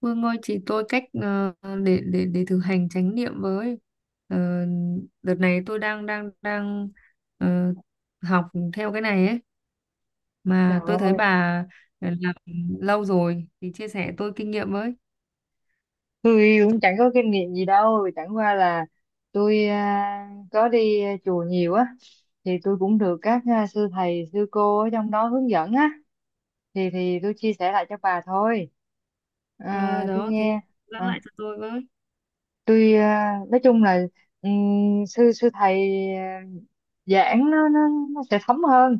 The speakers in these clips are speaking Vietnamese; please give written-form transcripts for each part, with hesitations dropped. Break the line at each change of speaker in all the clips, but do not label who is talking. Vương ơi, chỉ tôi cách để thực hành chánh niệm với. Ờ, Đợt này tôi đang đang đang ờ, học theo cái này ấy,
Trời
mà tôi thấy
ơi,
bà làm lâu rồi thì chia sẻ tôi kinh nghiệm với.
tôi cũng chẳng có kinh nghiệm gì đâu, chẳng qua là tôi có đi chùa nhiều á, thì tôi cũng được các sư thầy, sư cô ở trong đó hướng dẫn á, thì tôi chia sẻ lại cho bà thôi.
Ờ,
À, tôi
Đó thế,
nghe,
dẫn
à,
lại cho tôi với.
tôi à, nói chung là sư sư thầy à, giảng nó nó sẽ thấm hơn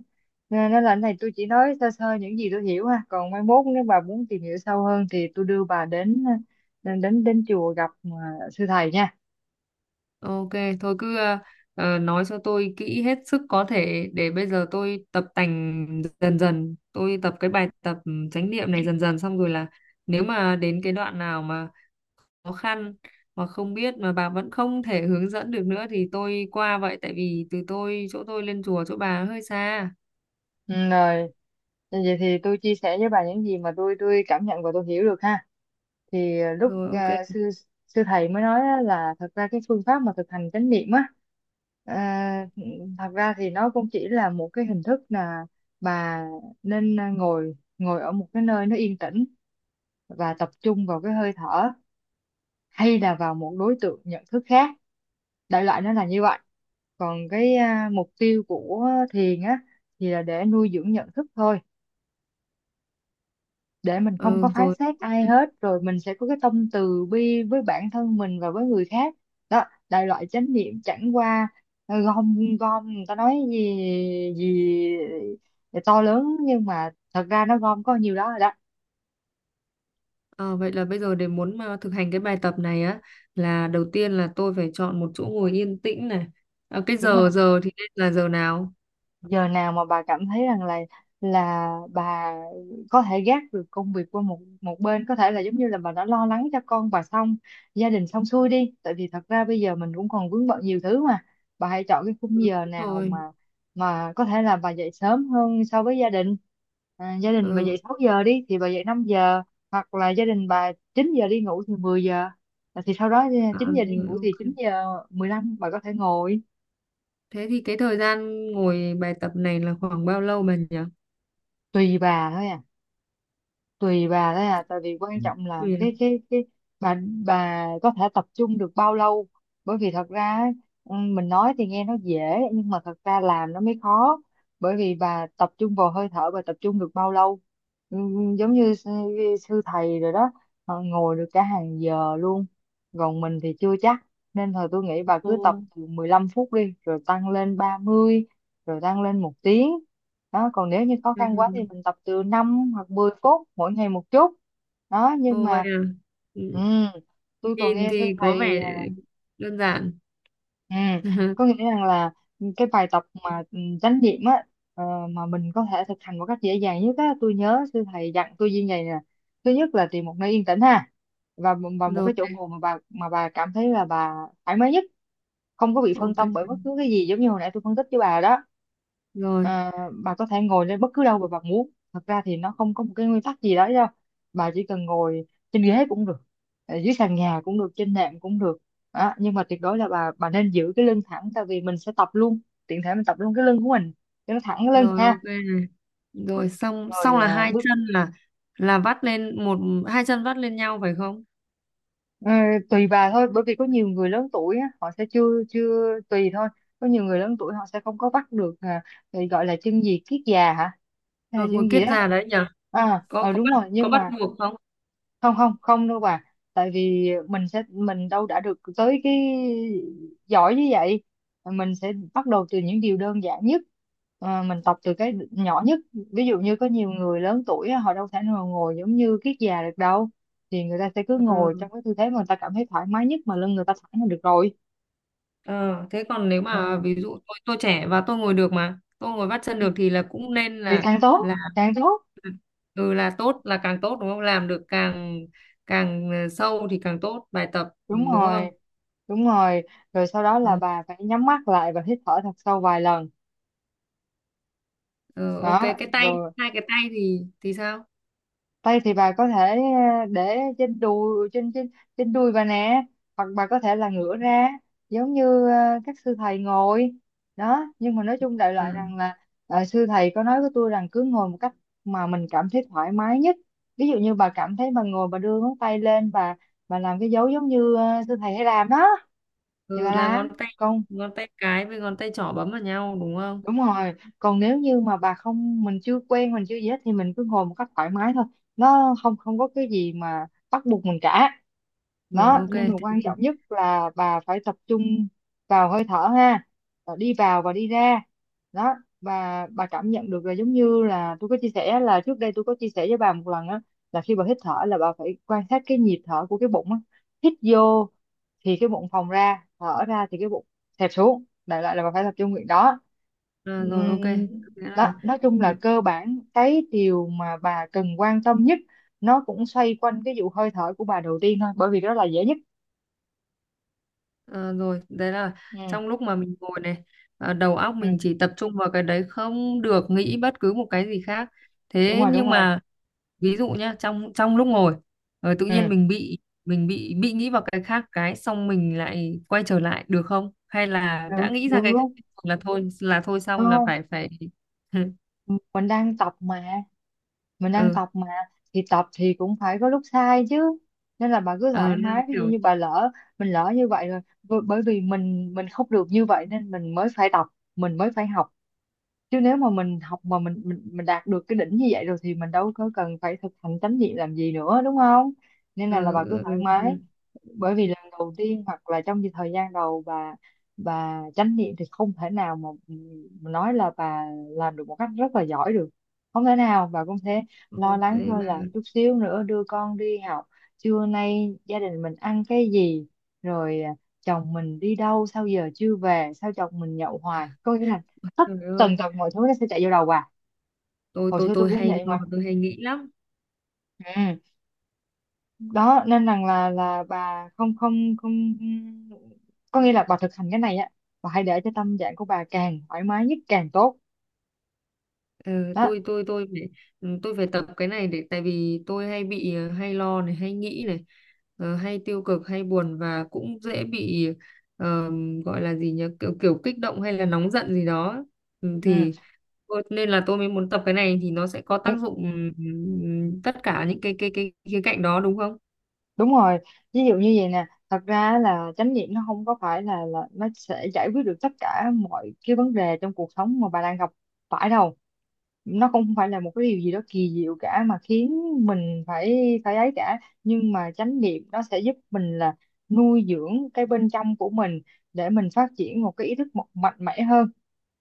nên nên là cái này tôi chỉ nói sơ sơ những gì tôi hiểu ha, còn mai mốt nếu bà muốn tìm hiểu sâu hơn thì tôi đưa bà đến à, đến đến chùa gặp sư thầy nha.
Ok, thôi cứ nói cho tôi kỹ hết sức có thể, để bây giờ tôi tập tành dần dần, tôi tập cái bài tập chánh niệm này dần dần, xong rồi là nếu mà đến cái đoạn nào mà khó khăn hoặc không biết mà bà vẫn không thể hướng dẫn được nữa thì tôi qua vậy, tại vì từ tôi chỗ tôi lên chùa chỗ bà hơi xa.
Ừ, rồi vậy thì tôi chia sẻ với bà những gì mà tôi cảm nhận và tôi hiểu được ha. Thì à, lúc
Rồi, ok.
à, sư sư thầy mới nói á là thật ra cái phương pháp mà thực hành chánh niệm á, à, thật ra thì nó cũng chỉ là một cái hình thức là bà nên ngồi ngồi ở một cái nơi nó yên tĩnh và tập trung vào cái hơi thở, hay là vào một đối tượng nhận thức khác, đại loại nó là như vậy. Còn cái mục tiêu của thiền á thì là để nuôi dưỡng nhận thức thôi, để mình không
Ừ,
có phán
rồi,
xét ai
ok.
hết, rồi mình sẽ có cái tâm từ bi với bản thân mình và với người khác. Đó, đại loại chánh niệm chẳng qua gom gom người ta nói gì gì to lớn, nhưng mà thật ra nó gom có nhiều đó rồi đó,
Ờ, vậy là bây giờ để muốn mà thực hành cái bài tập này á, là đầu tiên là tôi phải chọn một chỗ ngồi yên tĩnh này. Ờ, cái
đúng
giờ
không?
giờ thì nên là giờ nào?
Giờ nào mà bà cảm thấy rằng là bà có thể gác được công việc qua một một bên, có thể là giống như là bà đã lo lắng cho con bà xong, gia đình xong xuôi đi, tại vì thật ra bây giờ mình cũng còn vướng bận nhiều thứ mà. Bà hãy chọn cái khung giờ
Đúng
nào
rồi.
mà có thể là bà dậy sớm hơn so với gia đình. À, gia đình bà dậy
Ừ.
6 giờ đi thì bà dậy 5 giờ, hoặc là gia đình bà 9 giờ đi ngủ thì 10 giờ. À, thì sau đó
À,
9 giờ đi
rồi,
ngủ thì
ok.
9 giờ 15 bà có thể ngồi.
Thế thì cái thời gian ngồi bài tập này là khoảng bao lâu bà nhỉ?
Tùy bà thôi à, tùy bà đấy à, tại vì quan trọng là
Ui.
cái bà bà có thể tập trung được bao lâu. Bởi vì thật ra ấy, ừ, mình nói thì nghe nó dễ nhưng mà thật ra làm nó mới khó, bởi vì bà tập trung vào hơi thở, bà tập trung được bao lâu. Ừ, giống như sư, sư thầy rồi đó, họ ngồi được cả hàng giờ luôn, còn mình thì chưa chắc. Nên thôi tôi nghĩ bà cứ tập
Ồ.
từ 15 phút đi, rồi tăng lên 30, rồi tăng lên một tiếng. Đó, còn nếu như khó
Ừ.
khăn quá thì mình tập từ 5 hoặc 10 phút mỗi ngày một chút. Đó, nhưng
Ồ vậy
mà
à. Ừ.
ừm, tôi còn
Nhìn
nghe thưa
thì có
thầy
vẻ
à,
đơn giản.
ừm, có nghĩa rằng là cái bài tập mà chánh niệm á, ờ, mà mình có thể thực hành một cách dễ dàng nhất á, tôi nhớ sư thầy dặn tôi như vậy nè. Thứ nhất là tìm một nơi yên tĩnh ha, và một
Rồi,
cái chỗ ngồi mà bà cảm thấy là bà thoải mái nhất, không có bị phân
ok.
tâm bởi bất cứ cái gì, giống như hồi nãy tôi phân tích với bà đó.
Rồi,
Ờ, bà có thể ngồi lên bất cứ đâu mà bà muốn, thật ra thì nó không có một cái nguyên tắc gì đó đâu. Bà chỉ cần ngồi trên ghế cũng được, dưới sàn nhà cũng được, trên nệm cũng được. Đó, nhưng mà tuyệt đối là bà nên giữ cái lưng thẳng, tại vì mình sẽ tập luôn, tiện thể mình tập luôn cái lưng của mình, cho nó thẳng cái lưng
rồi, ok
ha.
này. Rồi, xong
Rồi
xong là
à,
hai
bước.
chân là vắt lên một, hai chân vắt lên nhau phải không?
Ờ, tùy bà thôi, bởi vì có nhiều người lớn tuổi á, họ sẽ chưa chưa tùy thôi, có nhiều người lớn tuổi họ sẽ không có bắt được thì gọi là chân gì kiết già hả, hay là
Rồi ngồi
chân
kiết
gì đó.
già đấy nhở?
À
Có
ờ,
có
đúng
bắt,
rồi,
có
nhưng
bắt
mà
buộc không?
không không không đâu bà, tại vì mình sẽ mình đâu đã được tới cái giỏi như vậy, mình sẽ bắt đầu từ những điều đơn giản nhất. Ờ, mình tập từ cái nhỏ nhất. Ví dụ như có nhiều người lớn tuổi á, họ đâu thể nào ngồi giống như kiết già được đâu, thì người ta sẽ cứ ngồi
Ờ,
trong cái tư thế mà người ta cảm thấy thoải mái nhất, mà lưng người ta thẳng là được rồi.
ờ, thế còn nếu mà
Ừ,
ví dụ tôi trẻ và tôi ngồi được, mà tôi ngồi vắt chân được thì là cũng nên
thì
là
càng tốt
là
càng tốt.
ừ là tốt, là càng tốt đúng không? Làm được càng, càng sâu thì càng tốt bài tập, ừ,
Đúng
đúng
rồi,
không?
đúng rồi, rồi sau đó là
Ờ.
bà phải nhắm mắt lại và hít thở thật sâu vài lần.
Ừ, ok.
Đó
Cái tay,
rồi,
hai cái tay thì thì sao?
tay thì bà có thể ờ, để trên đùi, trên trên trên đùi bà nè, hoặc bà có thể là ngửa ra giống như ờ, các sư thầy ngồi đó. Nhưng mà nói chung đại
À,
loại rằng là ờ, sư thầy có nói với tôi rằng cứ ngồi một cách mà mình cảm thấy thoải mái nhất. Ví dụ như bà cảm thấy bà ngồi, bà đưa ngón tay lên, bà làm cái dấu giống như ờ, sư thầy hay làm đó thì
ừ,
bà
là ngón
làm.
tay,
Còn
ngón tay cái với ngón tay trỏ bấm vào nhau đúng không?
đúng rồi, còn nếu như mà bà không mình chưa quen mình chưa gì hết thì mình cứ ngồi một cách thoải mái thôi, nó không không có cái gì mà bắt buộc mình cả.
Rồi
Đó,
ok
nhưng mà
thế
quan
thì.
trọng nhất là bà phải tập trung vào hơi thở ha. Ờ, đi vào và đi ra. Đó, và bà cảm nhận được là giống như là tôi có chia sẻ là trước đây tôi có chia sẻ với bà một lần á, là khi bà hít thở là bà phải quan sát cái nhịp thở của cái bụng á, hít vô thì cái bụng phồng ra, thở ra thì cái bụng xẹp xuống, đại loại là bà phải tập trung việc đó.
À, rồi, ok,
Ừm,
nghĩa
Đó,
là.
nói chung là cơ bản cái điều mà bà cần quan tâm nhất nó cũng xoay quanh cái vụ hơi thở của bà đầu tiên thôi, bởi vì đó là dễ nhất.
Ờ, rồi đấy là trong
Ừ,
lúc mà mình ngồi này, đầu óc
ừ,
mình chỉ tập trung vào cái đấy, không được nghĩ bất cứ một cái gì khác.
đúng
Thế
rồi, đúng
nhưng
rồi,
mà ví dụ nhá, trong trong lúc ngồi tự nhiên
ừ,
mình bị, mình bị nghĩ vào cái khác, cái xong mình lại quay trở lại được không, hay là
được
đã nghĩ ra
được
cái khác
luôn,
là thôi, là thôi xong là
không,
phải phải.
mình đang tập mà, mình đang
Ừ.
tập mà. Thì tập thì cũng phải có lúc sai chứ, nên là bà cứ
Ờ
thoải
đang
mái. Ví dụ
kiểu.
như bà lỡ, mình lỡ như vậy rồi, bởi vì mình không được như vậy nên mình mới phải tập, mình mới phải học. Chứ nếu mà mình học mà mình đạt được cái đỉnh như vậy rồi thì mình đâu có cần phải thực hành chánh niệm làm gì nữa, đúng không? Nên là
Ừ,
bà cứ
ừ,
thoải mái,
ừ.
bởi vì lần đầu tiên hoặc là trong cái thời gian đầu bà chánh niệm thì không thể nào mà nói là bà làm được một cách rất là giỏi được, không thể nào. Bà cũng thế,
Ừ.
lo
Ok
lắng thôi
bà.
là chút xíu nữa đưa con đi học, trưa nay gia đình mình ăn cái gì, rồi à, chồng mình đi đâu sao giờ chưa về, sao chồng mình nhậu hoài, có nghĩa là tất
Trời ơi,
tần tật mọi thứ nó sẽ chạy vô đầu à.
tôi
Hồi
tôi
xưa tôi
tôi
cũng
hay
vậy
lo,
mà.
tôi hay nghĩ lắm.
Ừ, đó nên rằng là bà không không không có nghĩa là bà thực hành cái này á, bà hãy để cho tâm trạng của bà càng thoải mái nhất càng tốt.
Ừ,
Đó,
tôi phải, ừ, tôi phải tập cái này, để tại vì tôi hay bị hay lo này, hay nghĩ này, hay tiêu cực, hay buồn, và cũng dễ bị ờ, gọi là gì nhỉ, kiểu kiểu kích động hay là nóng giận gì đó. Ừ,
ừ.
thì tôi- nên là tôi mới muốn tập cái này thì nó sẽ có tác
đúng
dụng. Ừ, tất cả những cái khía cạnh đó đúng không?
đúng rồi Ví dụ như vậy nè, thật ra là chánh niệm nó không phải là nó sẽ giải quyết được tất cả mọi cái vấn đề trong cuộc sống mà bà đang gặp phải đâu. Nó cũng không phải là một cái điều gì đó kỳ diệu cả mà khiến mình phải, phải ấy cả. Nhưng mà chánh niệm nó sẽ giúp mình là nuôi dưỡng cái bên trong của mình, để mình phát triển một cái ý thức một mạnh mẽ hơn,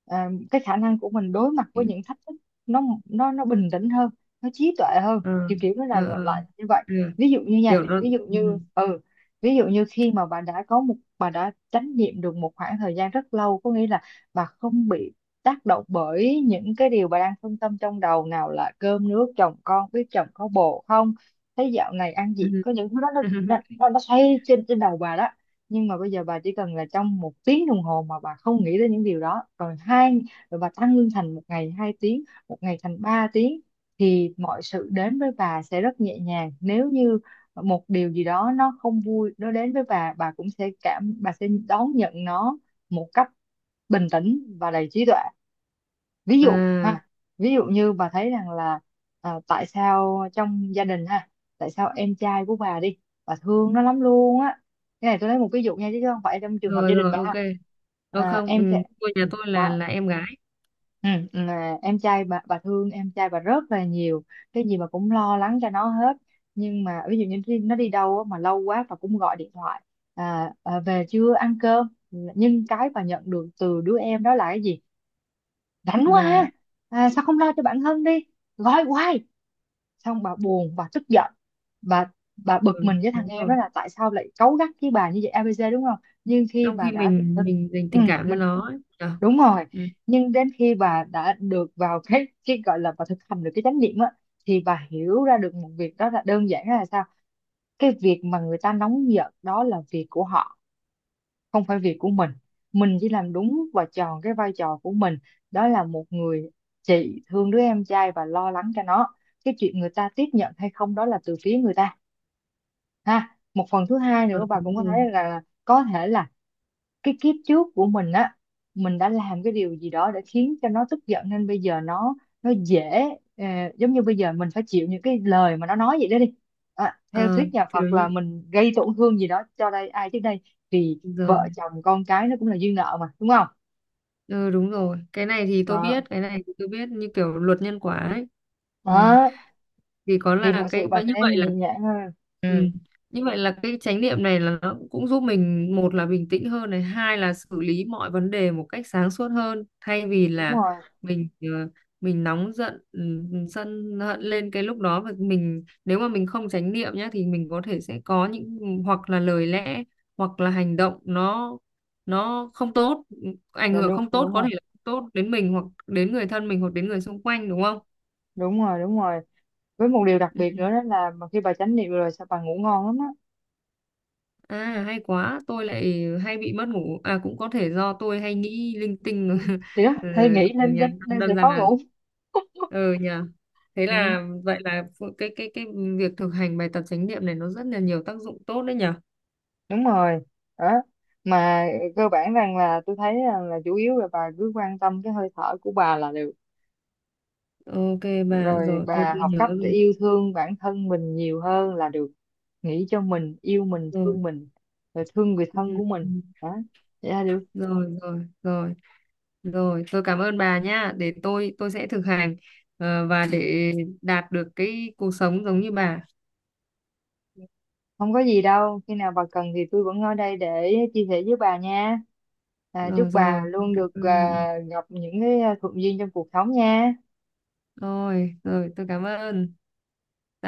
cái khả năng của mình đối mặt với những thách thức, nó bình tĩnh hơn, nó trí tuệ hơn.
Ờ,
Kiểu kiểu nó là
ờ, ờ, ờ.
lại như vậy.
Ừ,
Ví dụ như
kiểu
nha,
nó.
ví dụ
Ừ.
như ừ, ví dụ như khi mà bà đã có một bà đã chánh niệm được một khoảng thời gian rất lâu, có nghĩa là bà không bị tác động bởi những cái điều bà đang phân tâm trong đầu, nào là cơm nước chồng con, biết chồng có bồ không, thấy dạo này ăn gì,
Ừ.
có những thứ đó nó, nó, nó nó xoay trên trên đầu bà đó. Nhưng mà bây giờ bà chỉ cần là trong một tiếng đồng hồ mà bà không nghĩ đến những điều đó, rồi hai, rồi bà tăng lương thành một ngày hai tiếng, một ngày thành ba tiếng, thì mọi sự đến với bà sẽ rất nhẹ nhàng. Nếu như một điều gì đó nó không vui nó đến với bà cũng sẽ cảm, bà sẽ đón nhận nó một cách bình tĩnh và đầy trí tuệ. Ví dụ
À,
ha, ví dụ như bà thấy rằng là, à, tại sao trong gia đình ha, tại sao em trai của bà đi, bà thương nó lắm luôn á. Cái này tôi lấy một ví dụ nha, chứ không phải trong trường hợp
rồi
gia đình
rồi,
bà ha.
ok. Tôi không, ừ,
Em trai,
tôi nhà tôi
bà
là em gái
ừ, là em trai bà thương em trai bà rất là nhiều, cái gì bà cũng lo lắng cho nó hết. Nhưng mà ví dụ như nó đi đâu á mà lâu quá, bà cũng gọi điện thoại, à, à, về chưa, ăn cơm, nhưng cái bà nhận được từ đứa em đó là cái gì? Rảnh quá
là.
ha, à, sao không lo cho bạn Hân đi, gọi hoài. Xong bà buồn, bà tức giận, bà bà bực
Ừ,
mình với thằng
đúng
em đó
rồi.
là tại sao lại cáu gắt với bà như vậy, ABC, đúng không? Nhưng khi
Trong
bà
khi
đã
mình mình dành
ừ,
tình cảm cho
mình,
nó ấy. Nhở?
đúng rồi.
Ừ.
Nhưng đến khi bà đã được vào cái gọi là bà thực hành được cái chánh niệm á, thì bà hiểu ra được một việc đó là, đơn giản là sao, cái việc mà người ta nóng giận đó là việc của họ, không phải việc của mình. Mình chỉ làm đúng và tròn cái vai trò của mình, đó là một người chị thương đứa em trai và lo lắng cho nó. Cái chuyện người ta tiếp nhận hay không đó là từ phía người ta ha. Một phần thứ hai
Ừ,
nữa, bà cũng
đúng
có thể
rồi.
là có thể là cái kiếp trước của mình á, mình đã làm cái điều gì đó để khiến cho nó tức giận, nên bây giờ nó dễ, ờ, giống như bây giờ mình phải chịu những cái lời mà nó nói vậy đó đi. Theo
Ờ,
thuyết nhà
kiểu
Phật là
như
mình gây tổn thương gì đó cho đây ai trước đây, thì
giờ.
vợ chồng con cái nó cũng là duyên nợ mà, đúng không?
Ừ, đúng rồi. Cái này thì tôi biết,
Đó,
cái này thì tôi biết, như kiểu luật nhân quả ấy. Ừ.
đó.
Thì có
Thì
là
mọi sự
cái
bà
vậy, như
sẽ
vậy là.
nhẹ nhàng hơn.
Ừ.
Ừ,
Như vậy là cái chánh niệm này là nó cũng giúp mình, một là bình tĩnh hơn này, hai là xử lý mọi vấn đề một cách sáng suốt hơn, thay vì
đúng
là
rồi.
mình mình nóng giận, ừ, sân hận lên cái lúc đó, và mình nếu mà mình không chánh niệm nhá thì mình có thể sẽ có những, hoặc là lời lẽ, hoặc là hành động nó không tốt, ảnh
Dạ,
hưởng
đúng
không tốt,
đúng
có
rồi
thể là không tốt đến mình hoặc đến người thân mình hoặc đến người xung quanh, đúng không?
đúng rồi đúng rồi Với một điều đặc
Ừ.
biệt nữa đó là mà khi bà chánh niệm rồi sao bà ngủ ngon lắm á.
À hay quá, tôi lại hay bị mất ngủ. À cũng có thể do tôi hay nghĩ linh tinh.
Ừ. Thì đó,
Ừ,
hay nghĩ lên
nhà
đến nên sẽ
đơn
khó
giản là,
ngủ.
ừ nhờ. Thế
Ừ,
là vậy là phụ- cái cái việc thực hành bài tập chánh niệm này nó rất là nhiều tác dụng tốt đấy nhở.
đúng rồi. Đó mà, cơ bản rằng là tôi thấy là chủ yếu là bà cứ quan tâm cái hơi thở của bà là được,
Ok bà,
rồi
rồi tôi
bà
tôi
học
nhớ
cách để
rồi.
yêu thương bản thân mình nhiều hơn là được, nghĩ cho mình, yêu mình,
Rồi.
thương mình, rồi thương người
Ừ,
thân của
ừ.
mình. Đó, vậy là được.
Rồi rồi rồi. Rồi, tôi cảm ơn bà nhá. Để tôi sẽ thực hành và để đạt được cái cuộc sống giống như bà.
Không có gì đâu, khi nào bà cần thì tôi vẫn ở đây để chia sẻ với bà nha. Chúc
Rồi rồi,
bà
tôi
luôn
cảm
được
ơn bà.
gặp những cái thuận duyên trong cuộc sống nha.
Rồi, rồi tôi cảm ơn.